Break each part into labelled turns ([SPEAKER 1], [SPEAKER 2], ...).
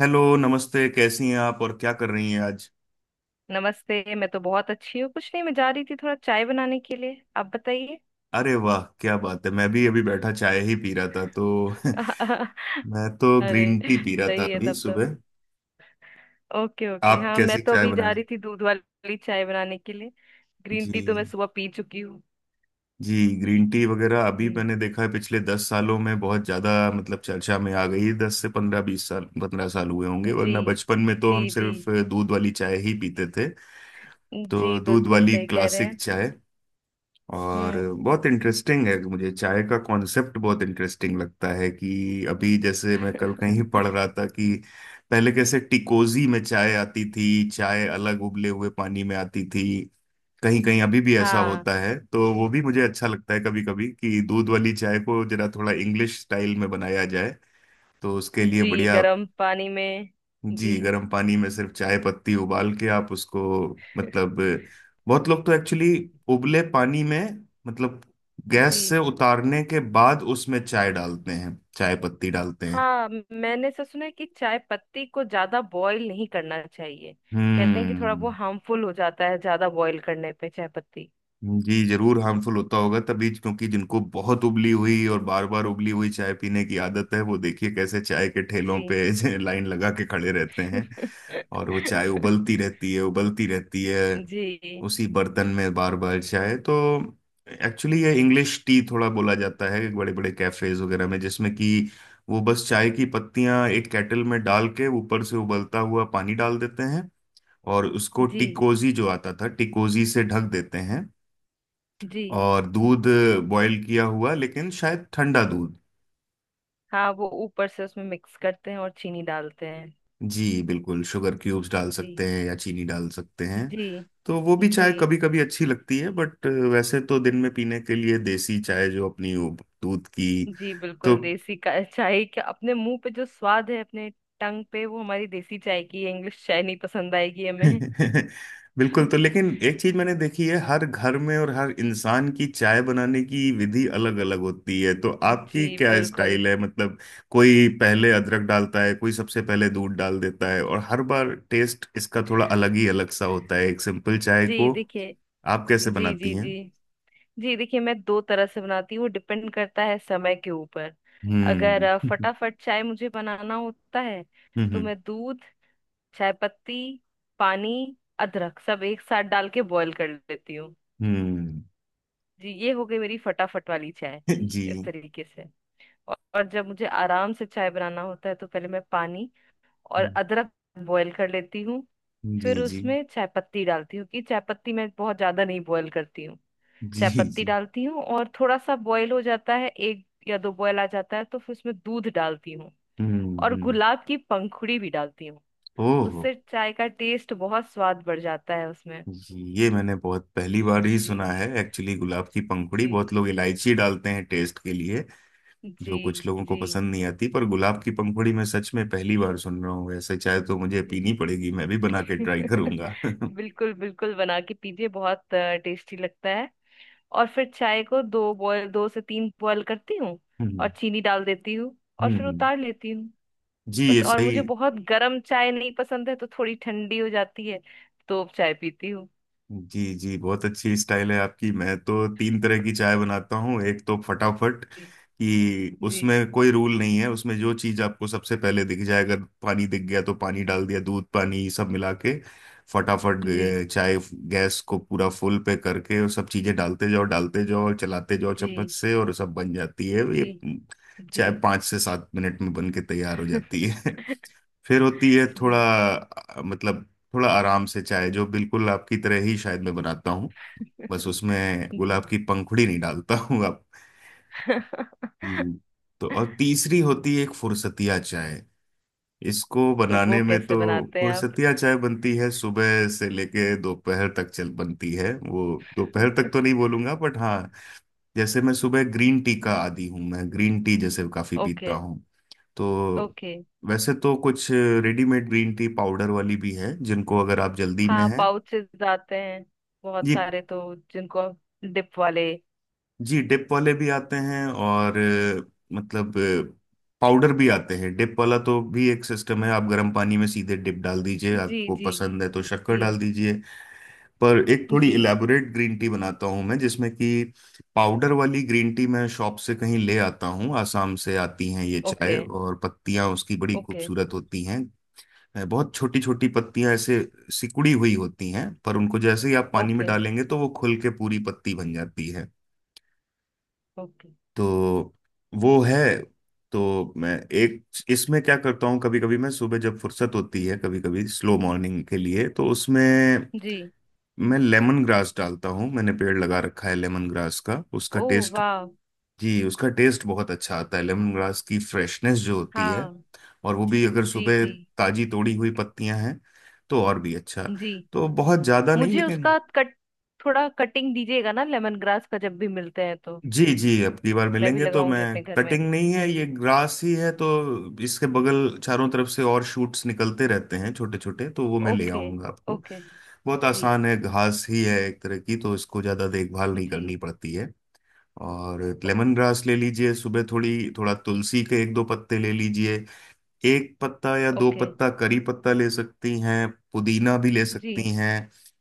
[SPEAKER 1] Hello, नमस्ते। कैसी हैं आप और क्या कर रही हैं आज?
[SPEAKER 2] नमस्ते। मैं तो बहुत अच्छी हूँ। कुछ नहीं, मैं जा रही थी थोड़ा चाय बनाने के लिए। आप बताइए।
[SPEAKER 1] अरे वाह, क्या बात है। मैं भी अभी बैठा चाय ही पी रहा था तो। मैं तो
[SPEAKER 2] अरे,
[SPEAKER 1] ग्रीन टी पी रहा था
[SPEAKER 2] सही है
[SPEAKER 1] अभी
[SPEAKER 2] तब तो।
[SPEAKER 1] सुबह।
[SPEAKER 2] ओके ओके,
[SPEAKER 1] आप
[SPEAKER 2] हाँ मैं
[SPEAKER 1] कैसी
[SPEAKER 2] तो
[SPEAKER 1] चाय
[SPEAKER 2] अभी जा
[SPEAKER 1] बनाने?
[SPEAKER 2] रही थी दूध वाली चाय बनाने के लिए। ग्रीन टी तो मैं
[SPEAKER 1] जी।
[SPEAKER 2] सुबह पी चुकी हूँ।
[SPEAKER 1] जी। ग्रीन टी वगैरह अभी
[SPEAKER 2] जी
[SPEAKER 1] मैंने देखा है, पिछले 10 सालों में बहुत ज्यादा मतलब चर्चा में आ गई। दस से पंद्रह बीस साल, 15 साल हुए होंगे।
[SPEAKER 2] जी
[SPEAKER 1] वरना बचपन में तो
[SPEAKER 2] जी।
[SPEAKER 1] हम
[SPEAKER 2] जी
[SPEAKER 1] सिर्फ दूध वाली चाय ही पीते थे।
[SPEAKER 2] जी,
[SPEAKER 1] तो दूध
[SPEAKER 2] बिल्कुल
[SPEAKER 1] वाली
[SPEAKER 2] सही कह रहे
[SPEAKER 1] क्लासिक
[SPEAKER 2] हैं।
[SPEAKER 1] चाय। और
[SPEAKER 2] हम्म।
[SPEAKER 1] बहुत इंटरेस्टिंग है, मुझे चाय का कॉन्सेप्ट बहुत इंटरेस्टिंग लगता है कि अभी जैसे मैं कल कहीं पढ़ रहा था कि पहले कैसे टिकोजी में चाय आती थी, चाय अलग उबले हुए पानी में आती थी। कहीं कहीं अभी भी ऐसा
[SPEAKER 2] हाँ।
[SPEAKER 1] होता है तो वो भी मुझे अच्छा लगता है कभी कभी, कि दूध वाली चाय को जरा थोड़ा इंग्लिश स्टाइल में बनाया जाए। तो उसके लिए
[SPEAKER 2] जी,
[SPEAKER 1] बढ़िया।
[SPEAKER 2] गर्म पानी में। जी।
[SPEAKER 1] जी, गर्म पानी में सिर्फ चाय पत्ती उबाल के आप उसको मतलब। बहुत लोग तो एक्चुअली
[SPEAKER 2] जी
[SPEAKER 1] उबले पानी में मतलब गैस
[SPEAKER 2] जी।
[SPEAKER 1] से उतारने के बाद उसमें चाय डालते हैं, चाय पत्ती डालते हैं।
[SPEAKER 2] हाँ, मैंने ऐसा सुना है कि चाय पत्ती को ज्यादा बॉईल नहीं करना चाहिए। कहते हैं कि थोड़ा
[SPEAKER 1] हम्म।
[SPEAKER 2] वो हार्मफुल हो जाता है ज्यादा बॉईल करने पे चाय पत्ती।
[SPEAKER 1] जी, जरूर हार्मफुल होता होगा तभी, क्योंकि जिनको बहुत उबली हुई और बार बार उबली हुई चाय पीने की आदत है, वो देखिए कैसे चाय के ठेलों
[SPEAKER 2] जी।
[SPEAKER 1] पे लाइन लगा के खड़े रहते हैं। और वो चाय उबलती रहती है, उबलती रहती है।
[SPEAKER 2] जी
[SPEAKER 1] उसी बर्तन में बार बार चाय तो। एक्चुअली ये इंग्लिश टी थोड़ा बोला जाता है बड़े बड़े कैफेज वगैरह में, जिसमें कि वो बस चाय की पत्तियां एक केटल में डाल के ऊपर से उबलता हुआ पानी डाल देते हैं। और उसको
[SPEAKER 2] जी
[SPEAKER 1] टिकोजी जो आता था, टिकोजी से ढक देते हैं।
[SPEAKER 2] जी।
[SPEAKER 1] और दूध, बॉईल किया हुआ लेकिन शायद ठंडा दूध।
[SPEAKER 2] हाँ, वो ऊपर से उसमें मिक्स करते हैं और चीनी डालते हैं।
[SPEAKER 1] जी बिल्कुल, शुगर क्यूब्स डाल सकते
[SPEAKER 2] जी
[SPEAKER 1] हैं या चीनी डाल सकते हैं।
[SPEAKER 2] जी।
[SPEAKER 1] तो वो भी
[SPEAKER 2] जी।
[SPEAKER 1] चाय कभी कभी अच्छी लगती है, बट वैसे तो दिन में पीने के लिए देसी चाय जो अपनी, वो दूध की।
[SPEAKER 2] जी
[SPEAKER 1] तो।
[SPEAKER 2] बिल्कुल, देसी का चाय का अपने मुंह पे जो स्वाद है, अपने टंग पे, वो हमारी देसी चाय की है। इंग्लिश चाय नहीं पसंद आएगी हमें।
[SPEAKER 1] बिल्कुल। तो लेकिन एक चीज मैंने देखी है, हर घर में और हर इंसान की चाय बनाने की विधि अलग अलग होती है। तो
[SPEAKER 2] जी
[SPEAKER 1] आपकी क्या
[SPEAKER 2] बिल्कुल।
[SPEAKER 1] स्टाइल है मतलब? कोई पहले अदरक डालता है, कोई सबसे पहले दूध डाल देता है, और हर बार टेस्ट इसका थोड़ा अलग ही अलग सा होता है एक सिंपल चाय
[SPEAKER 2] जी
[SPEAKER 1] को।
[SPEAKER 2] देखिए।
[SPEAKER 1] आप कैसे
[SPEAKER 2] जी जी
[SPEAKER 1] बनाती
[SPEAKER 2] जी।
[SPEAKER 1] हैं?
[SPEAKER 2] जी देखिए, मैं दो तरह से बनाती हूँ, डिपेंड करता है समय के ऊपर। अगर
[SPEAKER 1] हम्म।
[SPEAKER 2] फटाफट चाय मुझे बनाना होता है, तो
[SPEAKER 1] हम्म।
[SPEAKER 2] मैं दूध, चाय पत्ती, पानी, अदरक सब एक साथ डाल के बॉईल कर लेती हूँ।
[SPEAKER 1] हम्म।
[SPEAKER 2] जी, ये हो गई मेरी फटाफट वाली चाय
[SPEAKER 1] जी।
[SPEAKER 2] इस तरीके से। और जब मुझे आराम से चाय बनाना होता है, तो पहले मैं पानी और
[SPEAKER 1] जी।
[SPEAKER 2] अदरक बॉईल कर लेती हूँ।
[SPEAKER 1] जी।
[SPEAKER 2] फिर
[SPEAKER 1] जी।
[SPEAKER 2] उसमें चाय पत्ती डालती हूँ, कि चाय पत्ती मैं बहुत ज्यादा नहीं बॉईल करती हूँ। चाय
[SPEAKER 1] जी।
[SPEAKER 2] पत्ती
[SPEAKER 1] जी।
[SPEAKER 2] डालती हूँ और थोड़ा सा बॉयल हो जाता है, एक या दो बॉयल आ जाता है, तो फिर उसमें दूध डालती हूँ।
[SPEAKER 1] हम्म।
[SPEAKER 2] और
[SPEAKER 1] हम्म।
[SPEAKER 2] गुलाब की पंखुड़ी भी डालती हूँ,
[SPEAKER 1] ओह।
[SPEAKER 2] उससे चाय का टेस्ट बहुत स्वाद बढ़ जाता है उसमें।
[SPEAKER 1] ये मैंने बहुत पहली बार ही सुना
[SPEAKER 2] जी
[SPEAKER 1] है एक्चुअली गुलाब की पंखुड़ी।
[SPEAKER 2] जी।
[SPEAKER 1] बहुत लोग इलायची डालते हैं टेस्ट के लिए,
[SPEAKER 2] जी
[SPEAKER 1] जो कुछ लोगों को
[SPEAKER 2] जी।
[SPEAKER 1] पसंद नहीं आती। पर गुलाब की पंखुड़ी मैं सच में पहली बार सुन रहा हूँ। ऐसे चाहे तो मुझे
[SPEAKER 2] जी।
[SPEAKER 1] पीनी पड़ेगी, मैं भी बना के ट्राई करूंगा।
[SPEAKER 2] बिल्कुल बिल्कुल, बना के पीजिए, बहुत टेस्टी लगता है। और फिर चाय को दो बॉयल, दो से तीन बॉयल करती हूँ, और
[SPEAKER 1] हम्म।
[SPEAKER 2] चीनी डाल देती हूँ, और फिर
[SPEAKER 1] हम्म।
[SPEAKER 2] उतार लेती हूँ,
[SPEAKER 1] जी,
[SPEAKER 2] बस।
[SPEAKER 1] ये
[SPEAKER 2] और
[SPEAKER 1] सही।
[SPEAKER 2] मुझे बहुत गर्म चाय नहीं पसंद है, तो थोड़ी ठंडी हो जाती है, तो चाय पीती हूँ।
[SPEAKER 1] जी। जी। बहुत अच्छी स्टाइल है आपकी। मैं तो तीन तरह की चाय बनाता हूँ। एक तो फटाफट,
[SPEAKER 2] जी
[SPEAKER 1] कि
[SPEAKER 2] जी।
[SPEAKER 1] उसमें कोई रूल नहीं है, उसमें जो चीज़ आपको सबसे पहले दिख जाए, अगर पानी दिख गया तो पानी डाल दिया। दूध पानी सब मिला के फटाफट
[SPEAKER 2] जी
[SPEAKER 1] चाय, गैस को पूरा फुल पे करके और सब चीज़ें डालते जाओ, डालते जाओ, चलाते जाओ
[SPEAKER 2] जी।
[SPEAKER 1] चम्मच से, और सब बन जाती है। ये
[SPEAKER 2] जी जी।
[SPEAKER 1] चाय 5 से 7 मिनट में बन के तैयार हो जाती है। फिर होती है
[SPEAKER 2] जी।
[SPEAKER 1] थोड़ा मतलब थोड़ा आराम से चाय जो बिल्कुल आपकी तरह ही शायद मैं बनाता हूँ, बस उसमें
[SPEAKER 2] जी।
[SPEAKER 1] गुलाब की पंखुड़ी नहीं डालता हूँ आप। हम्म। तो और तीसरी होती है एक फुरसतिया चाय। इसको
[SPEAKER 2] तो वो
[SPEAKER 1] बनाने में तो
[SPEAKER 2] कैसे बनाते हैं आप?
[SPEAKER 1] फुरसतिया चाय बनती है सुबह से लेके दोपहर तक चल बनती है वो, दोपहर तक तो नहीं बोलूंगा बट हाँ। जैसे मैं सुबह ग्रीन टी का आदी हूँ, मैं ग्रीन टी जैसे काफी
[SPEAKER 2] ओके।
[SPEAKER 1] पीता हूँ। तो
[SPEAKER 2] ओके।
[SPEAKER 1] वैसे तो कुछ रेडीमेड ग्रीन टी पाउडर वाली भी है, जिनको अगर आप जल्दी में
[SPEAKER 2] हाँ,
[SPEAKER 1] हैं।
[SPEAKER 2] पाउचेस आते हैं बहुत
[SPEAKER 1] जी।
[SPEAKER 2] सारे तो। जिनको डिप वाले।
[SPEAKER 1] जी, डिप वाले भी आते हैं और मतलब पाउडर भी आते हैं। डिप वाला तो भी एक सिस्टम है, आप गर्म पानी में सीधे डिप डाल दीजिए,
[SPEAKER 2] जी
[SPEAKER 1] आपको
[SPEAKER 2] जी।
[SPEAKER 1] पसंद है तो शक्कर
[SPEAKER 2] जी
[SPEAKER 1] डाल दीजिए। पर एक थोड़ी
[SPEAKER 2] जी।
[SPEAKER 1] इलेबोरेट ग्रीन टी बनाता हूँ मैं, जिसमें कि पाउडर वाली ग्रीन टी मैं शॉप से कहीं ले आता हूँ। आसाम से आती हैं ये चाय,
[SPEAKER 2] ओके।
[SPEAKER 1] और पत्तियां उसकी बड़ी
[SPEAKER 2] ओके।
[SPEAKER 1] खूबसूरत होती हैं, है बहुत छोटी छोटी पत्तियां ऐसे सिकुड़ी हुई होती हैं। पर उनको जैसे ही आप पानी में
[SPEAKER 2] ओके।
[SPEAKER 1] डालेंगे तो वो खुल के पूरी पत्ती बन जाती है।
[SPEAKER 2] ओके।
[SPEAKER 1] तो वो है। तो मैं एक इसमें क्या करता हूँ, कभी कभी मैं सुबह जब फुर्सत होती है, कभी कभी स्लो मॉर्निंग के लिए, तो उसमें
[SPEAKER 2] जी।
[SPEAKER 1] मैं लेमन ग्रास डालता हूँ। मैंने पेड़ लगा रखा है लेमन ग्रास का, उसका
[SPEAKER 2] ओ।
[SPEAKER 1] टेस्ट।
[SPEAKER 2] वाह।
[SPEAKER 1] जी, उसका टेस्ट बहुत अच्छा आता है। लेमन ग्रास की फ्रेशनेस जो होती है,
[SPEAKER 2] हाँ।
[SPEAKER 1] और वो भी अगर
[SPEAKER 2] जी
[SPEAKER 1] सुबह
[SPEAKER 2] जी
[SPEAKER 1] ताजी तोड़ी हुई पत्तियां हैं, तो और भी अच्छा।
[SPEAKER 2] जी।
[SPEAKER 1] तो बहुत ज्यादा नहीं,
[SPEAKER 2] मुझे
[SPEAKER 1] लेकिन।
[SPEAKER 2] उसका कट, थोड़ा कटिंग दीजिएगा ना लेमन ग्रास का जब भी मिलते हैं तो।
[SPEAKER 1] जी। जी, अगली बार
[SPEAKER 2] मैं भी
[SPEAKER 1] मिलेंगे तो मैं,
[SPEAKER 2] लगाऊंगी अपने घर में।
[SPEAKER 1] कटिंग नहीं है,
[SPEAKER 2] जी।
[SPEAKER 1] ये ग्रास ही है तो इसके बगल चारों तरफ से और शूट्स निकलते रहते हैं छोटे छोटे, तो वो मैं ले
[SPEAKER 2] ओके।
[SPEAKER 1] आऊंगा आपको।
[SPEAKER 2] ओके।
[SPEAKER 1] बहुत
[SPEAKER 2] जी
[SPEAKER 1] आसान है, घास ही है एक तरह की, तो इसको ज्यादा देखभाल नहीं करनी
[SPEAKER 2] जी।
[SPEAKER 1] पड़ती है। और लेमन
[SPEAKER 2] ओके।
[SPEAKER 1] ग्रास ले लीजिए सुबह, थोड़ी थोड़ा तुलसी के एक दो पत्ते ले लीजिए, एक पत्ता या दो
[SPEAKER 2] ओके।
[SPEAKER 1] पत्ता करी पत्ता ले सकती हैं, पुदीना भी ले
[SPEAKER 2] जी।
[SPEAKER 1] सकती हैं।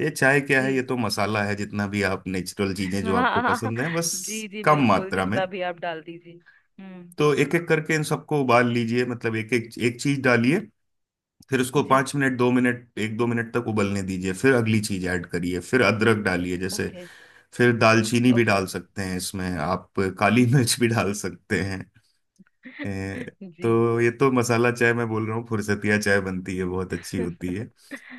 [SPEAKER 1] ये चाय क्या है, ये
[SPEAKER 2] जी।
[SPEAKER 1] तो मसाला है। जितना भी आप नेचुरल चीजें
[SPEAKER 2] हाँ।
[SPEAKER 1] जो आपको
[SPEAKER 2] हाँ, हाँ,
[SPEAKER 1] पसंद है, बस
[SPEAKER 2] जी जी
[SPEAKER 1] कम
[SPEAKER 2] बिल्कुल,
[SPEAKER 1] मात्रा में।
[SPEAKER 2] जितना भी आप डाल दीजिए। हम्म।
[SPEAKER 1] तो एक एक करके इन सबको उबाल लीजिए, मतलब एक एक एक चीज डालिए। फिर उसको
[SPEAKER 2] जी।
[SPEAKER 1] 5 मिनट, 2 मिनट, एक दो मिनट तक उबलने दीजिए। फिर अगली चीज ऐड करिए, फिर अदरक डालिए जैसे।
[SPEAKER 2] ओके।
[SPEAKER 1] फिर दालचीनी भी
[SPEAKER 2] ओके।
[SPEAKER 1] डाल सकते हैं इसमें आप, काली मिर्च भी डाल सकते हैं। ए,
[SPEAKER 2] जी।
[SPEAKER 1] तो ये तो मसाला चाय मैं बोल रहा हूँ, फुरसतिया चाय बनती है, बहुत अच्छी होती है।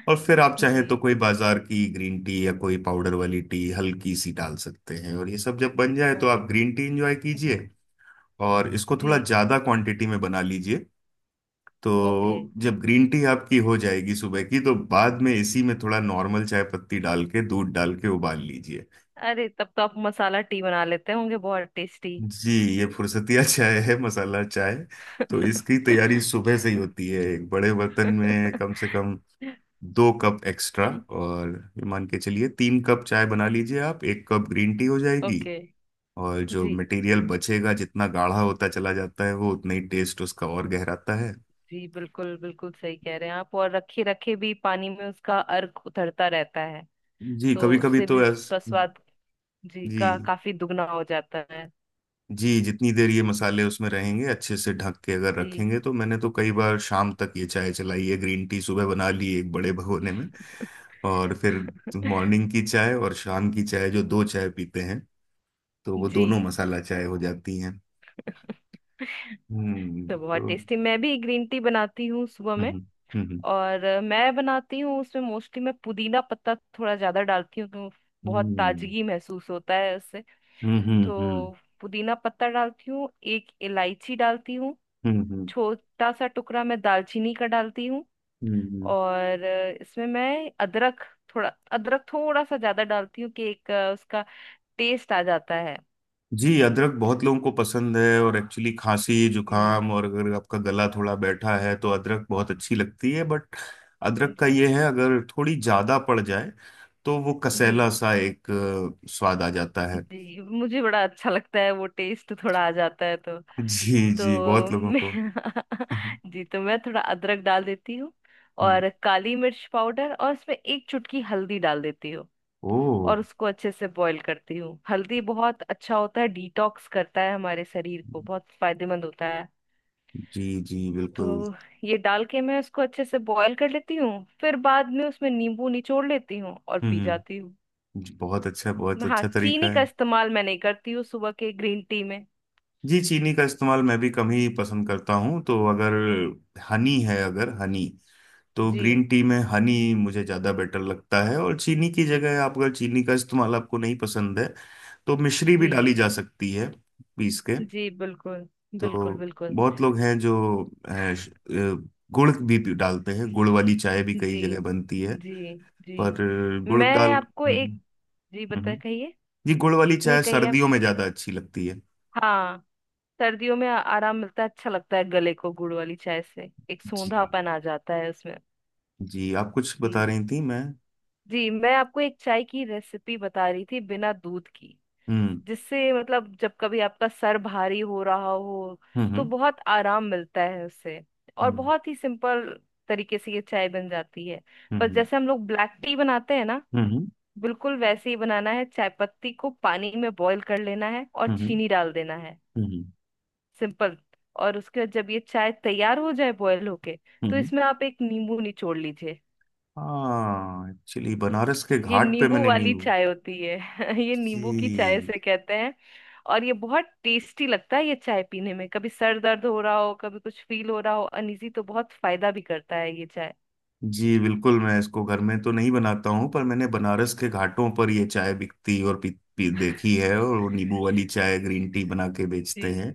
[SPEAKER 1] और फिर आप
[SPEAKER 2] जी।
[SPEAKER 1] चाहें तो कोई बाजार की ग्रीन टी या कोई पाउडर वाली टी हल्की सी डाल सकते हैं, और ये सब जब बन जाए तो आप
[SPEAKER 2] ओके।
[SPEAKER 1] ग्रीन टी इंजॉय
[SPEAKER 2] जी।
[SPEAKER 1] कीजिए। और इसको
[SPEAKER 2] जी।
[SPEAKER 1] थोड़ा ज्यादा क्वांटिटी में बना लीजिए।
[SPEAKER 2] ओके।
[SPEAKER 1] तो जब ग्रीन टी आपकी हो जाएगी सुबह की, तो बाद में इसी में थोड़ा नॉर्मल चाय पत्ती डाल के दूध डाल के उबाल लीजिए।
[SPEAKER 2] अरे, तब तो आप मसाला टी बना लेते होंगे, बहुत टेस्टी।
[SPEAKER 1] जी, ये फुर्सतिया चाय है, मसाला चाय। तो इसकी तैयारी सुबह से ही होती है एक बड़े बर्तन में। कम से कम 2 कप एक्स्ट्रा। और ये मान के चलिए 3 कप चाय बना लीजिए, आप 1 कप ग्रीन टी हो जाएगी।
[SPEAKER 2] ओके।
[SPEAKER 1] और जो
[SPEAKER 2] जी
[SPEAKER 1] मटेरियल बचेगा, जितना गाढ़ा होता चला जाता है, वो उतना ही टेस्ट उसका और गहराता है।
[SPEAKER 2] जी बिल्कुल बिल्कुल सही कह रहे हैं आप। और रखे रखे भी पानी में उसका अर्क उतरता रहता है,
[SPEAKER 1] जी।
[SPEAKER 2] तो
[SPEAKER 1] कभी कभी
[SPEAKER 2] उससे भी
[SPEAKER 1] तो ऐस
[SPEAKER 2] उसका स्वाद जी
[SPEAKER 1] जी।
[SPEAKER 2] का काफी दुगना हो जाता है।
[SPEAKER 1] जी। जितनी देर ये मसाले उसमें रहेंगे, अच्छे से ढक के अगर
[SPEAKER 2] जी।
[SPEAKER 1] रखेंगे, तो मैंने तो कई बार शाम तक ये चाय चलाई है। ग्रीन टी सुबह बना ली एक बड़े भगोने में, और फिर मॉर्निंग की चाय और शाम की चाय जो दो चाय पीते हैं, तो वो
[SPEAKER 2] जी।
[SPEAKER 1] दोनों मसाला चाय हो जाती हैं। हम्म।
[SPEAKER 2] तो बहुत
[SPEAKER 1] तो।
[SPEAKER 2] टेस्टी। मैं भी ग्रीन टी बनाती हूँ सुबह में।
[SPEAKER 1] हम्म। हम्म।
[SPEAKER 2] और मैं बनाती हूँ, उसमें मोस्टली मैं पुदीना पत्ता थोड़ा ज्यादा डालती हूँ, तो बहुत
[SPEAKER 1] हम्म।
[SPEAKER 2] ताजगी महसूस होता है।
[SPEAKER 1] हम्म। हम्म। हम्म।
[SPEAKER 2] तो पुदीना पत्ता डालती हूँ, एक इलायची डालती हूँ,
[SPEAKER 1] हम्म।
[SPEAKER 2] छोटा सा टुकड़ा मैं दालचीनी का डालती हूँ,
[SPEAKER 1] हम्म।
[SPEAKER 2] और इसमें मैं अदरक, थोड़ा अदरक थोड़ा सा ज्यादा डालती हूँ कि एक उसका टेस्ट आ जाता है।
[SPEAKER 1] जी, अदरक बहुत लोगों को पसंद है और एक्चुअली खांसी
[SPEAKER 2] जी
[SPEAKER 1] जुकाम और अगर आपका गला थोड़ा बैठा है तो अदरक बहुत अच्छी लगती है। बट अदरक का ये
[SPEAKER 2] जी।
[SPEAKER 1] है, अगर थोड़ी ज्यादा पड़ जाए, तो वो
[SPEAKER 2] जी
[SPEAKER 1] कसैला सा एक स्वाद आ जाता है।
[SPEAKER 2] जी मुझे बड़ा अच्छा लगता है वो टेस्ट थोड़ा आ जाता है तो।
[SPEAKER 1] जी। जी,
[SPEAKER 2] तो
[SPEAKER 1] बहुत लोगों
[SPEAKER 2] मैं
[SPEAKER 1] को।
[SPEAKER 2] जी तो मैं थोड़ा अदरक डाल देती हूँ।
[SPEAKER 1] हम्म।
[SPEAKER 2] और काली मिर्च पाउडर और इसमें एक चुटकी हल्दी डाल देती हूँ।
[SPEAKER 1] ओ।
[SPEAKER 2] और उसको अच्छे से बॉईल करती हूँ। हल्दी बहुत अच्छा होता है, डिटॉक्स करता है हमारे शरीर को, बहुत फायदेमंद होता है।
[SPEAKER 1] जी। जी बिल्कुल।
[SPEAKER 2] तो ये डाल के मैं उसको अच्छे से बॉईल कर लेती हूँ। फिर बाद में उसमें नींबू निचोड़ लेती हूँ और पी जाती
[SPEAKER 1] हम्म।
[SPEAKER 2] हूँ।
[SPEAKER 1] जी, बहुत अच्छा, बहुत
[SPEAKER 2] हाँ,
[SPEAKER 1] अच्छा तरीका
[SPEAKER 2] चीनी
[SPEAKER 1] है।
[SPEAKER 2] का इस्तेमाल मैं नहीं करती हूँ सुबह के ग्रीन टी में।
[SPEAKER 1] जी, चीनी का इस्तेमाल मैं भी कम ही पसंद करता हूँ। तो अगर हनी है, अगर हनी, तो
[SPEAKER 2] जी।
[SPEAKER 1] ग्रीन टी में हनी मुझे ज़्यादा बेटर लगता है। और चीनी की जगह, आप अगर चीनी का इस्तेमाल आपको नहीं पसंद है, तो मिश्री भी
[SPEAKER 2] जी
[SPEAKER 1] डाली जा सकती है पीस के।
[SPEAKER 2] जी बिल्कुल। बिल्कुल
[SPEAKER 1] तो
[SPEAKER 2] बिल्कुल।
[SPEAKER 1] बहुत लोग हैं जो अ, श- अ, गुड़ भी डालते हैं, गुड़ वाली चाय भी कई
[SPEAKER 2] जी
[SPEAKER 1] जगह बनती है।
[SPEAKER 2] जी। जी
[SPEAKER 1] पर गुड़
[SPEAKER 2] मैं
[SPEAKER 1] डाल।
[SPEAKER 2] आपको एक,
[SPEAKER 1] हम्म।
[SPEAKER 2] जी बता,
[SPEAKER 1] हम्म।
[SPEAKER 2] कहिए।
[SPEAKER 1] जी, गुड़ वाली
[SPEAKER 2] नहीं,
[SPEAKER 1] चाय
[SPEAKER 2] कहिए आप।
[SPEAKER 1] सर्दियों में ज़्यादा अच्छी लगती है।
[SPEAKER 2] हाँ, सर्दियों में आराम मिलता है, अच्छा लगता है गले को गुड़ वाली चाय से, एक
[SPEAKER 1] जी।
[SPEAKER 2] सूंधापन आ जाता है उसमें।
[SPEAKER 1] जी, आप कुछ बता
[SPEAKER 2] जी।
[SPEAKER 1] रही थी मैं।
[SPEAKER 2] जी, मैं आपको एक चाय की रेसिपी बता रही थी बिना दूध की,
[SPEAKER 1] हम्म।
[SPEAKER 2] जिससे मतलब जब कभी आपका सर भारी हो रहा हो तो
[SPEAKER 1] हम्म।
[SPEAKER 2] बहुत आराम मिलता है उससे। और
[SPEAKER 1] हम्म।
[SPEAKER 2] बहुत ही सिंपल तरीके से ये चाय बन जाती है। बस
[SPEAKER 1] हम्म।
[SPEAKER 2] जैसे हम लोग ब्लैक टी बनाते हैं ना,
[SPEAKER 1] हम्म। हम्म।
[SPEAKER 2] बिल्कुल वैसे ही बनाना है। चाय पत्ती को पानी में बॉईल कर लेना है और
[SPEAKER 1] हम्म।
[SPEAKER 2] चीनी डाल देना है।
[SPEAKER 1] हम्म।
[SPEAKER 2] सिंपल। और उसके बाद जब ये चाय तैयार हो जाए बॉयल होके, तो
[SPEAKER 1] हम्म।
[SPEAKER 2] इसमें आप एक नींबू निचोड़ लीजिए।
[SPEAKER 1] हाँ, एक्चुअली बनारस के
[SPEAKER 2] ये
[SPEAKER 1] घाट पे
[SPEAKER 2] नींबू
[SPEAKER 1] मैंने
[SPEAKER 2] वाली
[SPEAKER 1] नींव।
[SPEAKER 2] चाय होती है। ये नींबू की चाय
[SPEAKER 1] जी।
[SPEAKER 2] से कहते हैं। और ये बहुत टेस्टी लगता है ये चाय पीने में। कभी सर दर्द हो रहा हो, कभी कुछ फील हो रहा हो अनइजी, तो बहुत फायदा भी करता है ये चाय।
[SPEAKER 1] जी बिल्कुल। मैं इसको घर में तो नहीं बनाता हूँ, पर मैंने बनारस के घाटों पर ये चाय बिकती और पी देखी है। और वो नींबू वाली चाय ग्रीन टी बना के बेचते हैं।
[SPEAKER 2] जी।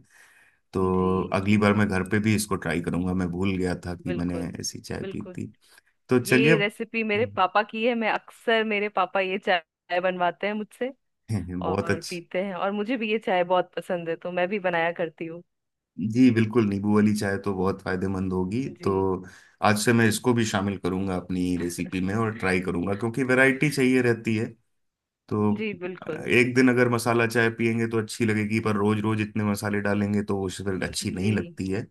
[SPEAKER 1] तो
[SPEAKER 2] जी
[SPEAKER 1] अगली बार मैं घर पे भी इसको ट्राई करूंगा, मैं भूल गया था कि मैंने
[SPEAKER 2] बिल्कुल।
[SPEAKER 1] ऐसी चाय पी
[SPEAKER 2] बिल्कुल।
[SPEAKER 1] थी। तो चलिए।
[SPEAKER 2] ये रेसिपी मेरे पापा की है। मैं अक्सर, मेरे पापा ये चाय बनवाते हैं मुझसे
[SPEAKER 1] बहुत
[SPEAKER 2] और
[SPEAKER 1] अच्छा।
[SPEAKER 2] पीते हैं, और मुझे भी ये चाय बहुत पसंद है तो मैं भी बनाया करती हूँ।
[SPEAKER 1] जी बिल्कुल, नींबू वाली चाय तो बहुत फायदेमंद होगी।
[SPEAKER 2] जी।
[SPEAKER 1] तो
[SPEAKER 2] जी।
[SPEAKER 1] आज से मैं इसको भी शामिल करूंगा अपनी रेसिपी में और ट्राई करूंगा, क्योंकि वैरायटी चाहिए रहती है। तो
[SPEAKER 2] जी बिल्कुल।
[SPEAKER 1] एक दिन अगर मसाला चाय पियेंगे तो अच्छी लगेगी, पर रोज रोज इतने मसाले डालेंगे तो वो फिर अच्छी नहीं
[SPEAKER 2] जी
[SPEAKER 1] लगती है।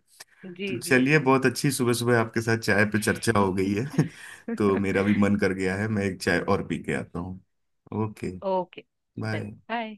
[SPEAKER 2] जी
[SPEAKER 1] तो
[SPEAKER 2] जी
[SPEAKER 1] चलिए,
[SPEAKER 2] जी।
[SPEAKER 1] बहुत अच्छी सुबह सुबह आपके साथ चाय पे चर्चा हो गई है। तो मेरा भी मन कर गया है, मैं एक चाय और पी के आता हूँ। ओके।
[SPEAKER 2] ओके। चलिए।
[SPEAKER 1] बाय।
[SPEAKER 2] बाय।